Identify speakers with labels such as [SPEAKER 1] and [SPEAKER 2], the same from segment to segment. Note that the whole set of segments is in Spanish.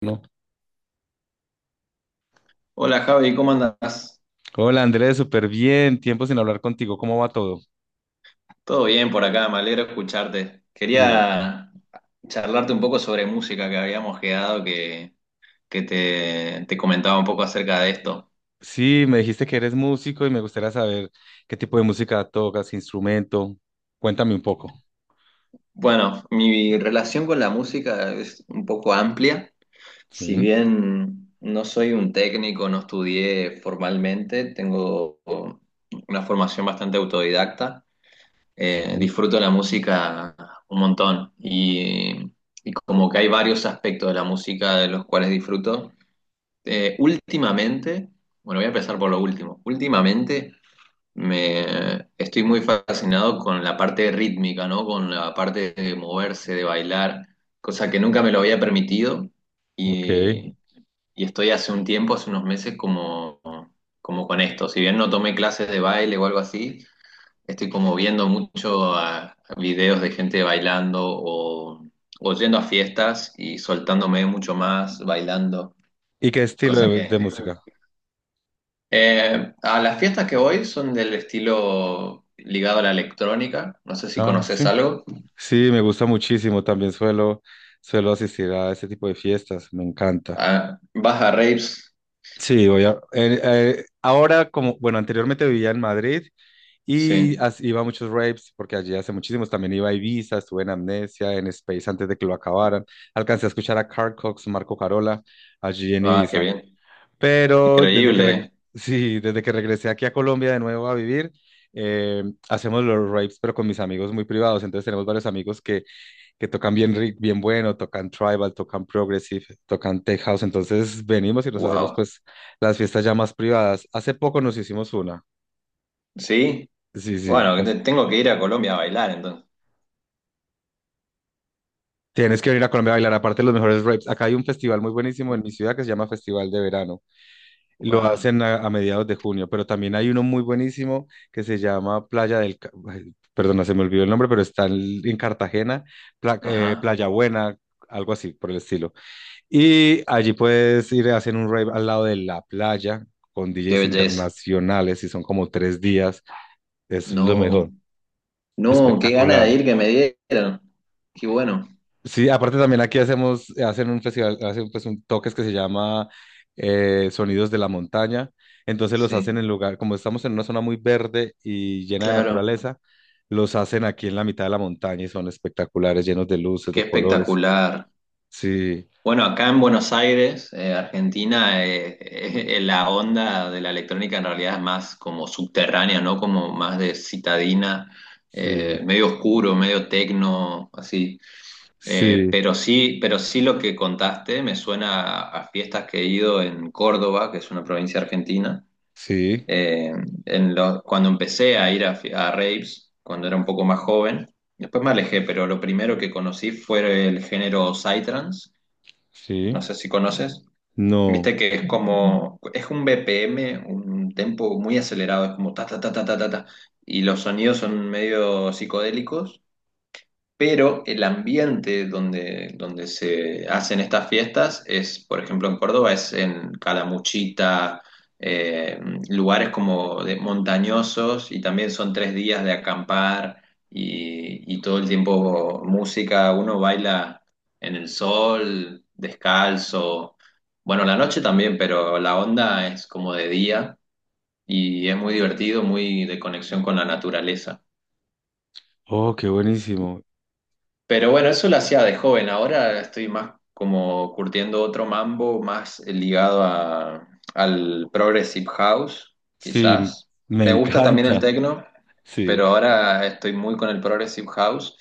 [SPEAKER 1] No.
[SPEAKER 2] Hola Javi, ¿cómo andás?
[SPEAKER 1] Hola Andrés, súper bien. Tiempo sin hablar contigo. ¿Cómo va todo?
[SPEAKER 2] Todo bien por acá, me alegro escucharte.
[SPEAKER 1] Ivo.
[SPEAKER 2] Quería charlarte un poco sobre música que habíamos quedado, que te comentaba un poco acerca de esto.
[SPEAKER 1] Sí, me dijiste que eres músico y me gustaría saber qué tipo de música tocas, qué instrumento. Cuéntame un poco.
[SPEAKER 2] Bueno, mi relación con la música es un poco amplia. Si
[SPEAKER 1] Sí,
[SPEAKER 2] bien no soy un técnico, no estudié formalmente, tengo una formación bastante autodidacta.
[SPEAKER 1] sí.
[SPEAKER 2] Disfruto la música un montón y como que hay varios aspectos de la música de los cuales disfruto. Eh, últimamente, bueno, voy a empezar por lo último. Últimamente me estoy muy fascinado con la parte rítmica, ¿no? Con la parte de moverse, de bailar, cosa que nunca me lo había permitido
[SPEAKER 1] Ok.
[SPEAKER 2] y, y estoy hace un tiempo, hace unos meses como con esto. Si bien no tomé clases de baile o algo así, estoy como viendo mucho a videos de gente bailando o yendo a fiestas y soltándome mucho más bailando,
[SPEAKER 1] ¿Y qué estilo
[SPEAKER 2] cosa
[SPEAKER 1] de,
[SPEAKER 2] que...
[SPEAKER 1] de música?
[SPEAKER 2] A las fiestas que voy son del estilo ligado a la electrónica, no sé si
[SPEAKER 1] Ah, sí.
[SPEAKER 2] conoces algo.
[SPEAKER 1] Sí, me gusta muchísimo. Suelo asistir a ese tipo de fiestas. Me encanta.
[SPEAKER 2] Ah, vas a raves,
[SPEAKER 1] Sí, voy a, ahora como, bueno, anteriormente vivía en Madrid.
[SPEAKER 2] sí.
[SPEAKER 1] Iba a muchos raves, porque allí hace muchísimos. También iba a Ibiza, estuve en Amnesia, en Space antes de que lo acabaran. Alcancé a escuchar a Carl Cox, Marco Carola, allí en
[SPEAKER 2] Ah, qué
[SPEAKER 1] Ibiza.
[SPEAKER 2] bien.
[SPEAKER 1] Pero
[SPEAKER 2] Increíble,
[SPEAKER 1] sí, desde que regresé aquí a Colombia de nuevo a vivir, eh, hacemos los raves, pero con mis amigos muy privados. Entonces tenemos varios amigos que tocan bien bueno, tocan tribal, tocan progressive, tocan tech house. Entonces venimos y nos hacemos
[SPEAKER 2] wow.
[SPEAKER 1] pues las fiestas ya más privadas. Hace poco nos hicimos una.
[SPEAKER 2] Sí,
[SPEAKER 1] Sí, sí.
[SPEAKER 2] bueno, tengo que ir a Colombia a bailar entonces.
[SPEAKER 1] Tienes que venir a Colombia a bailar, aparte de los mejores raves. Acá hay un festival muy buenísimo en mi ciudad que se llama Festival de Verano. Lo
[SPEAKER 2] Wow,
[SPEAKER 1] hacen a mediados de junio, pero también hay uno muy buenísimo que se llama Playa del... Ca- ay, perdona, se me olvidó el nombre, pero está en Cartagena,
[SPEAKER 2] ajá,
[SPEAKER 1] Playa Buena, algo así por el estilo. Y allí puedes ir, hacen un rave al lado de la playa con
[SPEAKER 2] qué
[SPEAKER 1] DJs
[SPEAKER 2] belleza.
[SPEAKER 1] internacionales y son como tres días. Es lo mejor,
[SPEAKER 2] No. No, qué gana
[SPEAKER 1] espectacular.
[SPEAKER 2] de ir que me dieron. Qué bueno,
[SPEAKER 1] Sí, aparte también aquí hacemos, hacen un festival, hacen pues un toques que se llama Sonidos de la Montaña. Entonces los hacen
[SPEAKER 2] sí,
[SPEAKER 1] en lugar, como estamos en una zona muy verde y llena de
[SPEAKER 2] claro,
[SPEAKER 1] naturaleza, los hacen aquí en la mitad de la montaña y son espectaculares, llenos de luces,
[SPEAKER 2] qué
[SPEAKER 1] de colores.
[SPEAKER 2] espectacular.
[SPEAKER 1] Sí,
[SPEAKER 2] Bueno, acá en Buenos Aires, Argentina, la onda de la electrónica en realidad es más como subterránea, ¿no? Como más de citadina,
[SPEAKER 1] sí,
[SPEAKER 2] medio oscuro, medio tecno, así.
[SPEAKER 1] sí,
[SPEAKER 2] Pero sí, pero sí lo que contaste me suena a fiestas que he ido en Córdoba, que es una provincia argentina.
[SPEAKER 1] sí,
[SPEAKER 2] Eh, en cuando empecé a ir a, a raves, cuando era un poco más joven, después me alejé, pero lo primero que conocí fue el género psytrance,
[SPEAKER 1] sí.
[SPEAKER 2] no sé si conoces.
[SPEAKER 1] No.
[SPEAKER 2] Viste que es como, es un BPM, un tempo muy acelerado, es como ta ta ta ta ta ta ta, y los sonidos son medio psicodélicos pero el ambiente donde, donde se hacen estas fiestas es, por ejemplo, en Córdoba, es en Calamuchita, eh, lugares como de montañosos y también son tres días de acampar y todo el tiempo música, uno baila en el sol, descalzo, bueno, la noche también, pero la onda es como de día y es muy divertido, muy de conexión con la naturaleza.
[SPEAKER 1] Oh, qué buenísimo.
[SPEAKER 2] Pero bueno, eso lo hacía de joven. Ahora estoy más como curtiendo otro mambo, más ligado al Progressive House,
[SPEAKER 1] Sí,
[SPEAKER 2] quizás.
[SPEAKER 1] me
[SPEAKER 2] Me gusta también el
[SPEAKER 1] encanta.
[SPEAKER 2] techno,
[SPEAKER 1] Sí.
[SPEAKER 2] pero ahora estoy muy con el Progressive House.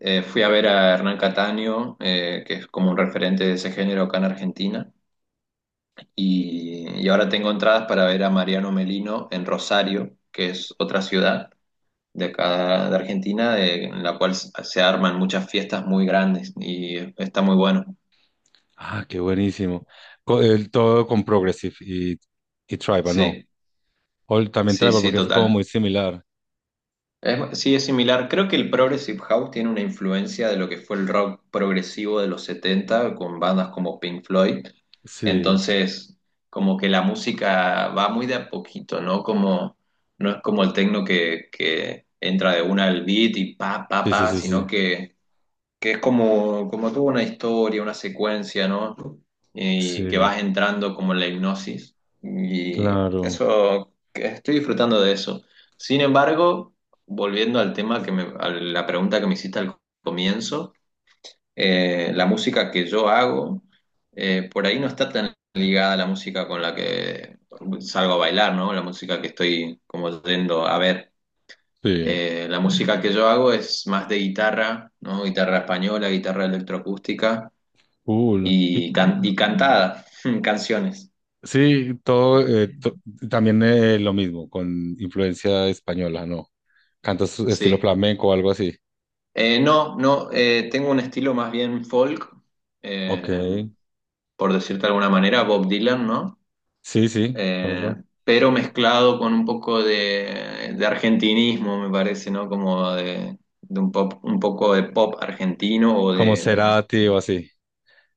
[SPEAKER 2] Fui a ver a Hernán Cataño, que es como un referente de ese género acá en Argentina. Y ahora tengo entradas para ver a Mariano Melino en Rosario, que es otra ciudad de acá de Argentina, en la cual se arman muchas fiestas muy grandes y está muy bueno.
[SPEAKER 1] Ah, qué buenísimo. Co- el- todo con Progressive y Tribal, no.
[SPEAKER 2] Sí,
[SPEAKER 1] O también
[SPEAKER 2] sí,
[SPEAKER 1] Tribal,
[SPEAKER 2] sí,
[SPEAKER 1] porque es como muy
[SPEAKER 2] total.
[SPEAKER 1] similar.
[SPEAKER 2] Sí, es similar. Creo que el Progressive House tiene una influencia de lo que fue el rock progresivo de los 70 con bandas como Pink Floyd.
[SPEAKER 1] Sí,
[SPEAKER 2] Entonces, como que la música va muy de a poquito, ¿no? Como, no es como el techno que entra de una al beat y pa, pa,
[SPEAKER 1] sí, sí,
[SPEAKER 2] pa,
[SPEAKER 1] sí,
[SPEAKER 2] sino
[SPEAKER 1] sí.
[SPEAKER 2] que es como, como tuvo una historia, una secuencia, ¿no? Y que
[SPEAKER 1] Sí,
[SPEAKER 2] vas entrando como en la hipnosis. Y
[SPEAKER 1] claro.
[SPEAKER 2] eso, que estoy disfrutando de eso. Sin embargo, volviendo al tema que me, a la pregunta que me hiciste al comienzo, la música que yo hago, por ahí no está tan ligada a la música con la que salgo a bailar, ¿no? La música que estoy como yendo a ver.
[SPEAKER 1] Sí.
[SPEAKER 2] La música que yo hago es más de guitarra, ¿no? Guitarra española, guitarra electroacústica
[SPEAKER 1] Cool. Y-
[SPEAKER 2] y, y cantada, canciones,
[SPEAKER 1] sí, todo, to- también lo mismo, con influencia española, ¿no? Cantos estilo
[SPEAKER 2] sí.
[SPEAKER 1] flamenco o algo así.
[SPEAKER 2] No, no, Tengo un estilo más bien folk,
[SPEAKER 1] Ok.
[SPEAKER 2] eh, por decirte de alguna manera, Bob Dylan, ¿no?
[SPEAKER 1] Sí, sí,
[SPEAKER 2] Eh,
[SPEAKER 1] conozco.
[SPEAKER 2] pero mezclado con un poco de argentinismo, me parece, ¿no? Como de un pop, un poco de pop argentino o
[SPEAKER 1] Como
[SPEAKER 2] de...
[SPEAKER 1] Cerati o así.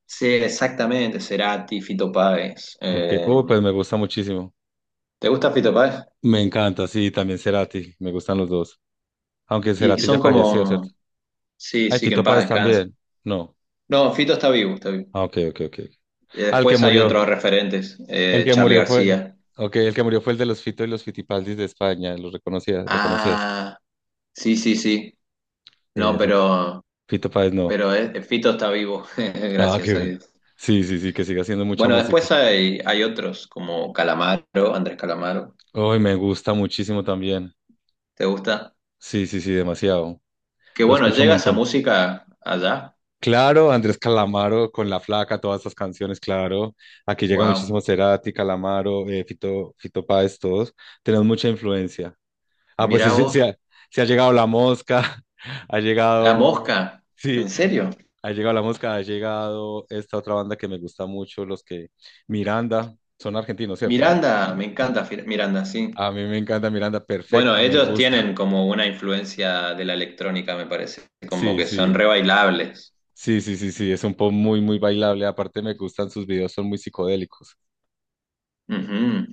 [SPEAKER 2] Sí, exactamente, Cerati, Fito Páez.
[SPEAKER 1] Ok. Pues me gusta muchísimo.
[SPEAKER 2] ¿Te gusta Fito Páez?
[SPEAKER 1] Me encanta, sí, también Cerati. Me gustan los dos. Aunque
[SPEAKER 2] Y
[SPEAKER 1] Cerati ya
[SPEAKER 2] son
[SPEAKER 1] falleció, ¿cierto?
[SPEAKER 2] como, sí,
[SPEAKER 1] Ay,
[SPEAKER 2] sí, que en
[SPEAKER 1] Fito
[SPEAKER 2] paz
[SPEAKER 1] Páez
[SPEAKER 2] descanse.
[SPEAKER 1] también. No.
[SPEAKER 2] No, Fito está vivo, está vivo.
[SPEAKER 1] Ah, ok, ok, ok.
[SPEAKER 2] Y
[SPEAKER 1] Al que
[SPEAKER 2] después hay
[SPEAKER 1] murió.
[SPEAKER 2] otros referentes,
[SPEAKER 1] El que
[SPEAKER 2] Charly
[SPEAKER 1] murió fue,
[SPEAKER 2] García.
[SPEAKER 1] okay, el que murió fue el de los Fito y los Fitipaldis de España, lo reconocías, lo conocías.
[SPEAKER 2] Ah, sí, sí, sí. No,
[SPEAKER 1] Sí, sí. Fito Páez no.
[SPEAKER 2] pero Fito está vivo,
[SPEAKER 1] Ah, qué
[SPEAKER 2] gracias a
[SPEAKER 1] bien.
[SPEAKER 2] Dios.
[SPEAKER 1] Sí, sí, sí, que siga haciendo mucha
[SPEAKER 2] Bueno,
[SPEAKER 1] música.
[SPEAKER 2] después hay, hay otros como Calamaro, Andrés Calamaro.
[SPEAKER 1] Hoy me gusta muchísimo también.
[SPEAKER 2] ¿Te gusta?
[SPEAKER 1] Sí, sí, sí, demasiado.
[SPEAKER 2] Que
[SPEAKER 1] Lo
[SPEAKER 2] bueno,
[SPEAKER 1] escucho un
[SPEAKER 2] llega esa
[SPEAKER 1] montón.
[SPEAKER 2] música allá.
[SPEAKER 1] Claro, Andrés Calamaro con La Flaca, todas esas canciones, claro. Aquí llega muchísimo
[SPEAKER 2] Wow.
[SPEAKER 1] Cerati, Calamaro, Fito Páez, todos. Tenemos mucha influencia. Ah, pues
[SPEAKER 2] Mirá vos.
[SPEAKER 1] sí ha llegado La Mosca, ha
[SPEAKER 2] La
[SPEAKER 1] llegado,
[SPEAKER 2] Mosca.
[SPEAKER 1] sí,
[SPEAKER 2] ¿En serio?
[SPEAKER 1] ha llegado la mosca, ha llegado esta otra banda que me gusta mucho, los que Miranda, son argentinos, ¿cierto? ¿No?
[SPEAKER 2] Miranda, me
[SPEAKER 1] Sí.
[SPEAKER 2] encanta Miranda, sí.
[SPEAKER 1] A mí me encanta Miranda,
[SPEAKER 2] Bueno,
[SPEAKER 1] perfecta, me
[SPEAKER 2] ellos
[SPEAKER 1] gusta.
[SPEAKER 2] tienen como una influencia de la electrónica, me parece, como
[SPEAKER 1] Sí,
[SPEAKER 2] que son
[SPEAKER 1] sí,
[SPEAKER 2] re bailables.
[SPEAKER 1] sí, es un pop muy bailable. Aparte me gustan sus videos, son muy psicodélicos.
[SPEAKER 2] Ujú.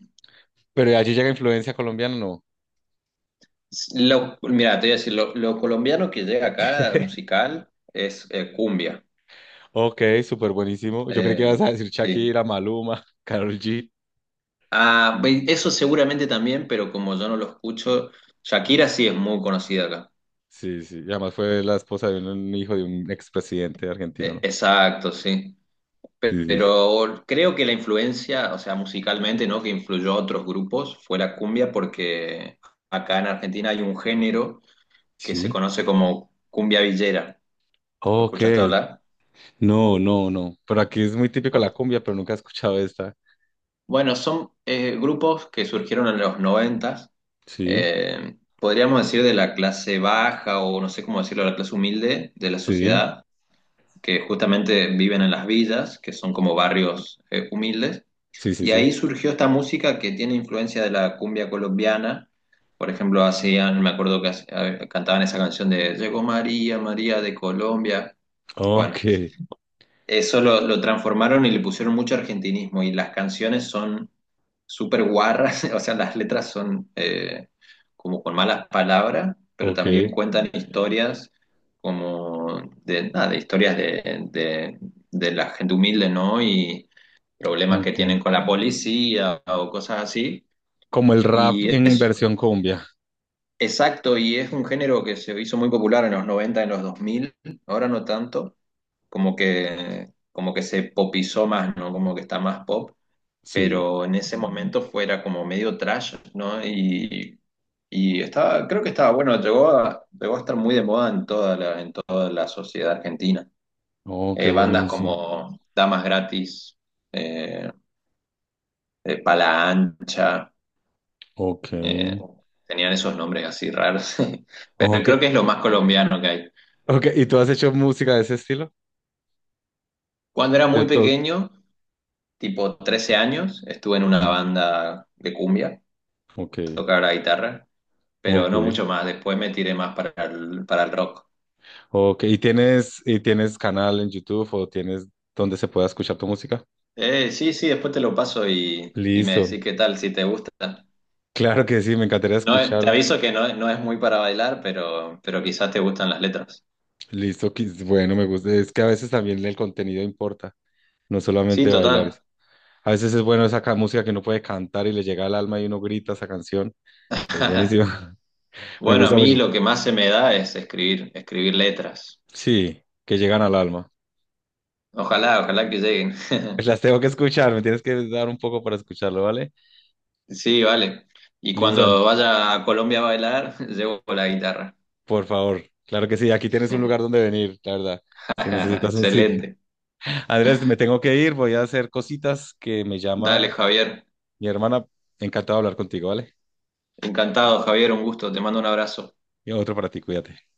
[SPEAKER 1] Pero de allí llega influencia colombiana, ¿no?
[SPEAKER 2] Mira, te voy a decir, lo colombiano que llega acá musical es cumbia.
[SPEAKER 1] Ok, súper buenísimo. Yo creí que ibas
[SPEAKER 2] Eh,
[SPEAKER 1] a decir
[SPEAKER 2] sí.
[SPEAKER 1] Shakira, Maluma, Karol G.
[SPEAKER 2] Ah, eso seguramente también, pero como yo no lo escucho, Shakira sí es muy conocida acá.
[SPEAKER 1] Sí, sí, y además fue la esposa de un hijo de un expresidente argentino, ¿no?
[SPEAKER 2] Exacto, sí.
[SPEAKER 1] Sí, sí, sí.
[SPEAKER 2] Pero creo que la influencia, o sea, musicalmente, ¿no? Que influyó a otros grupos fue la cumbia porque acá en Argentina hay un género que se
[SPEAKER 1] Sí.
[SPEAKER 2] conoce como cumbia villera. ¿Lo
[SPEAKER 1] Ok.
[SPEAKER 2] escuchaste hablar?
[SPEAKER 1] No, no, no. Pero aquí es muy típico la
[SPEAKER 2] Bueno,
[SPEAKER 1] cumbia, pero nunca he escuchado esta.
[SPEAKER 2] bueno, son grupos que surgieron en los noventas,
[SPEAKER 1] Sí,
[SPEAKER 2] podríamos decir de la clase baja o no sé cómo decirlo, la clase humilde de la
[SPEAKER 1] sí,
[SPEAKER 2] sociedad, que justamente viven en las villas, que son como barrios humildes.
[SPEAKER 1] sí, sí,
[SPEAKER 2] Y
[SPEAKER 1] sí.
[SPEAKER 2] ahí surgió esta música que tiene influencia de la cumbia colombiana. Por ejemplo, hacían, me acuerdo que cantaban esa canción de Llegó María, María de Colombia. Bueno,
[SPEAKER 1] Ok,
[SPEAKER 2] eso lo transformaron y le pusieron mucho argentinismo y las canciones son súper guarras, o sea, las letras son como con malas palabras, pero
[SPEAKER 1] ok,
[SPEAKER 2] también cuentan historias como de, nada, de historias de, de la gente humilde, ¿no? Y problemas que
[SPEAKER 1] ok.
[SPEAKER 2] tienen con la policía o cosas así.
[SPEAKER 1] Como el rap
[SPEAKER 2] Y
[SPEAKER 1] en
[SPEAKER 2] es
[SPEAKER 1] versión cumbia.
[SPEAKER 2] Exacto, y es un género que se hizo muy popular en los 90 en los dos mil, ahora no tanto, como que se popizó más, ¿no? Como que está más pop,
[SPEAKER 1] Sí.
[SPEAKER 2] pero en ese momento fuera como medio trash, ¿no? Y estaba, creo que estaba bueno, llegó a, llegó a estar muy de moda en toda la sociedad argentina.
[SPEAKER 1] Oh, qué
[SPEAKER 2] Bandas
[SPEAKER 1] buenísimo.
[SPEAKER 2] como Damas Gratis, eh, Pala Ancha,
[SPEAKER 1] Ok,
[SPEAKER 2] eh, tenían esos nombres así raros, pero
[SPEAKER 1] ok,
[SPEAKER 2] creo que es lo más colombiano que hay.
[SPEAKER 1] ok. ¿Y tú has hecho música de ese estilo?
[SPEAKER 2] Cuando era
[SPEAKER 1] De
[SPEAKER 2] muy
[SPEAKER 1] todo.
[SPEAKER 2] pequeño, tipo 13 años, estuve en una banda de cumbia
[SPEAKER 1] Ok,
[SPEAKER 2] tocar la guitarra, pero
[SPEAKER 1] ok,
[SPEAKER 2] no mucho más. Después me tiré más para el rock.
[SPEAKER 1] ok. Y tienes canal en YouTube o tienes donde se pueda escuchar tu música?
[SPEAKER 2] Sí, sí, después te lo paso y me
[SPEAKER 1] Listo.
[SPEAKER 2] decís qué tal, si te gusta.
[SPEAKER 1] Claro que sí, me encantaría
[SPEAKER 2] No, te
[SPEAKER 1] escuchar.
[SPEAKER 2] aviso que no, no es muy para bailar, pero quizás te gustan las letras.
[SPEAKER 1] Bueno, me gusta. Es que a veces también el contenido importa, no
[SPEAKER 2] Sí,
[SPEAKER 1] solamente bailar.
[SPEAKER 2] total.
[SPEAKER 1] A veces es bueno esa música que uno puede cantar y le llega al alma y uno grita esa canción. Es buenísima. Me
[SPEAKER 2] Bueno, a
[SPEAKER 1] gusta
[SPEAKER 2] mí
[SPEAKER 1] mucho.
[SPEAKER 2] lo que más se me da es escribir, escribir letras.
[SPEAKER 1] Sí, que llegan al alma.
[SPEAKER 2] Ojalá, ojalá que lleguen.
[SPEAKER 1] Pues las tengo que escuchar, me tienes que dar un poco para escucharlo, ¿vale?
[SPEAKER 2] Sí, vale. Y
[SPEAKER 1] Lison,
[SPEAKER 2] cuando vaya a Colombia a bailar, llevo la guitarra.
[SPEAKER 1] por favor. Claro que sí, aquí tienes un lugar donde venir, la verdad, si necesitas un sitio.
[SPEAKER 2] Excelente.
[SPEAKER 1] Andrés, me tengo que ir, voy a hacer cositas que me
[SPEAKER 2] Dale,
[SPEAKER 1] llama
[SPEAKER 2] Javier.
[SPEAKER 1] mi hermana. Encantado de hablar contigo, ¿vale?
[SPEAKER 2] Encantado, Javier. Un gusto. Te mando un abrazo.
[SPEAKER 1] Y otro para ti, cuídate.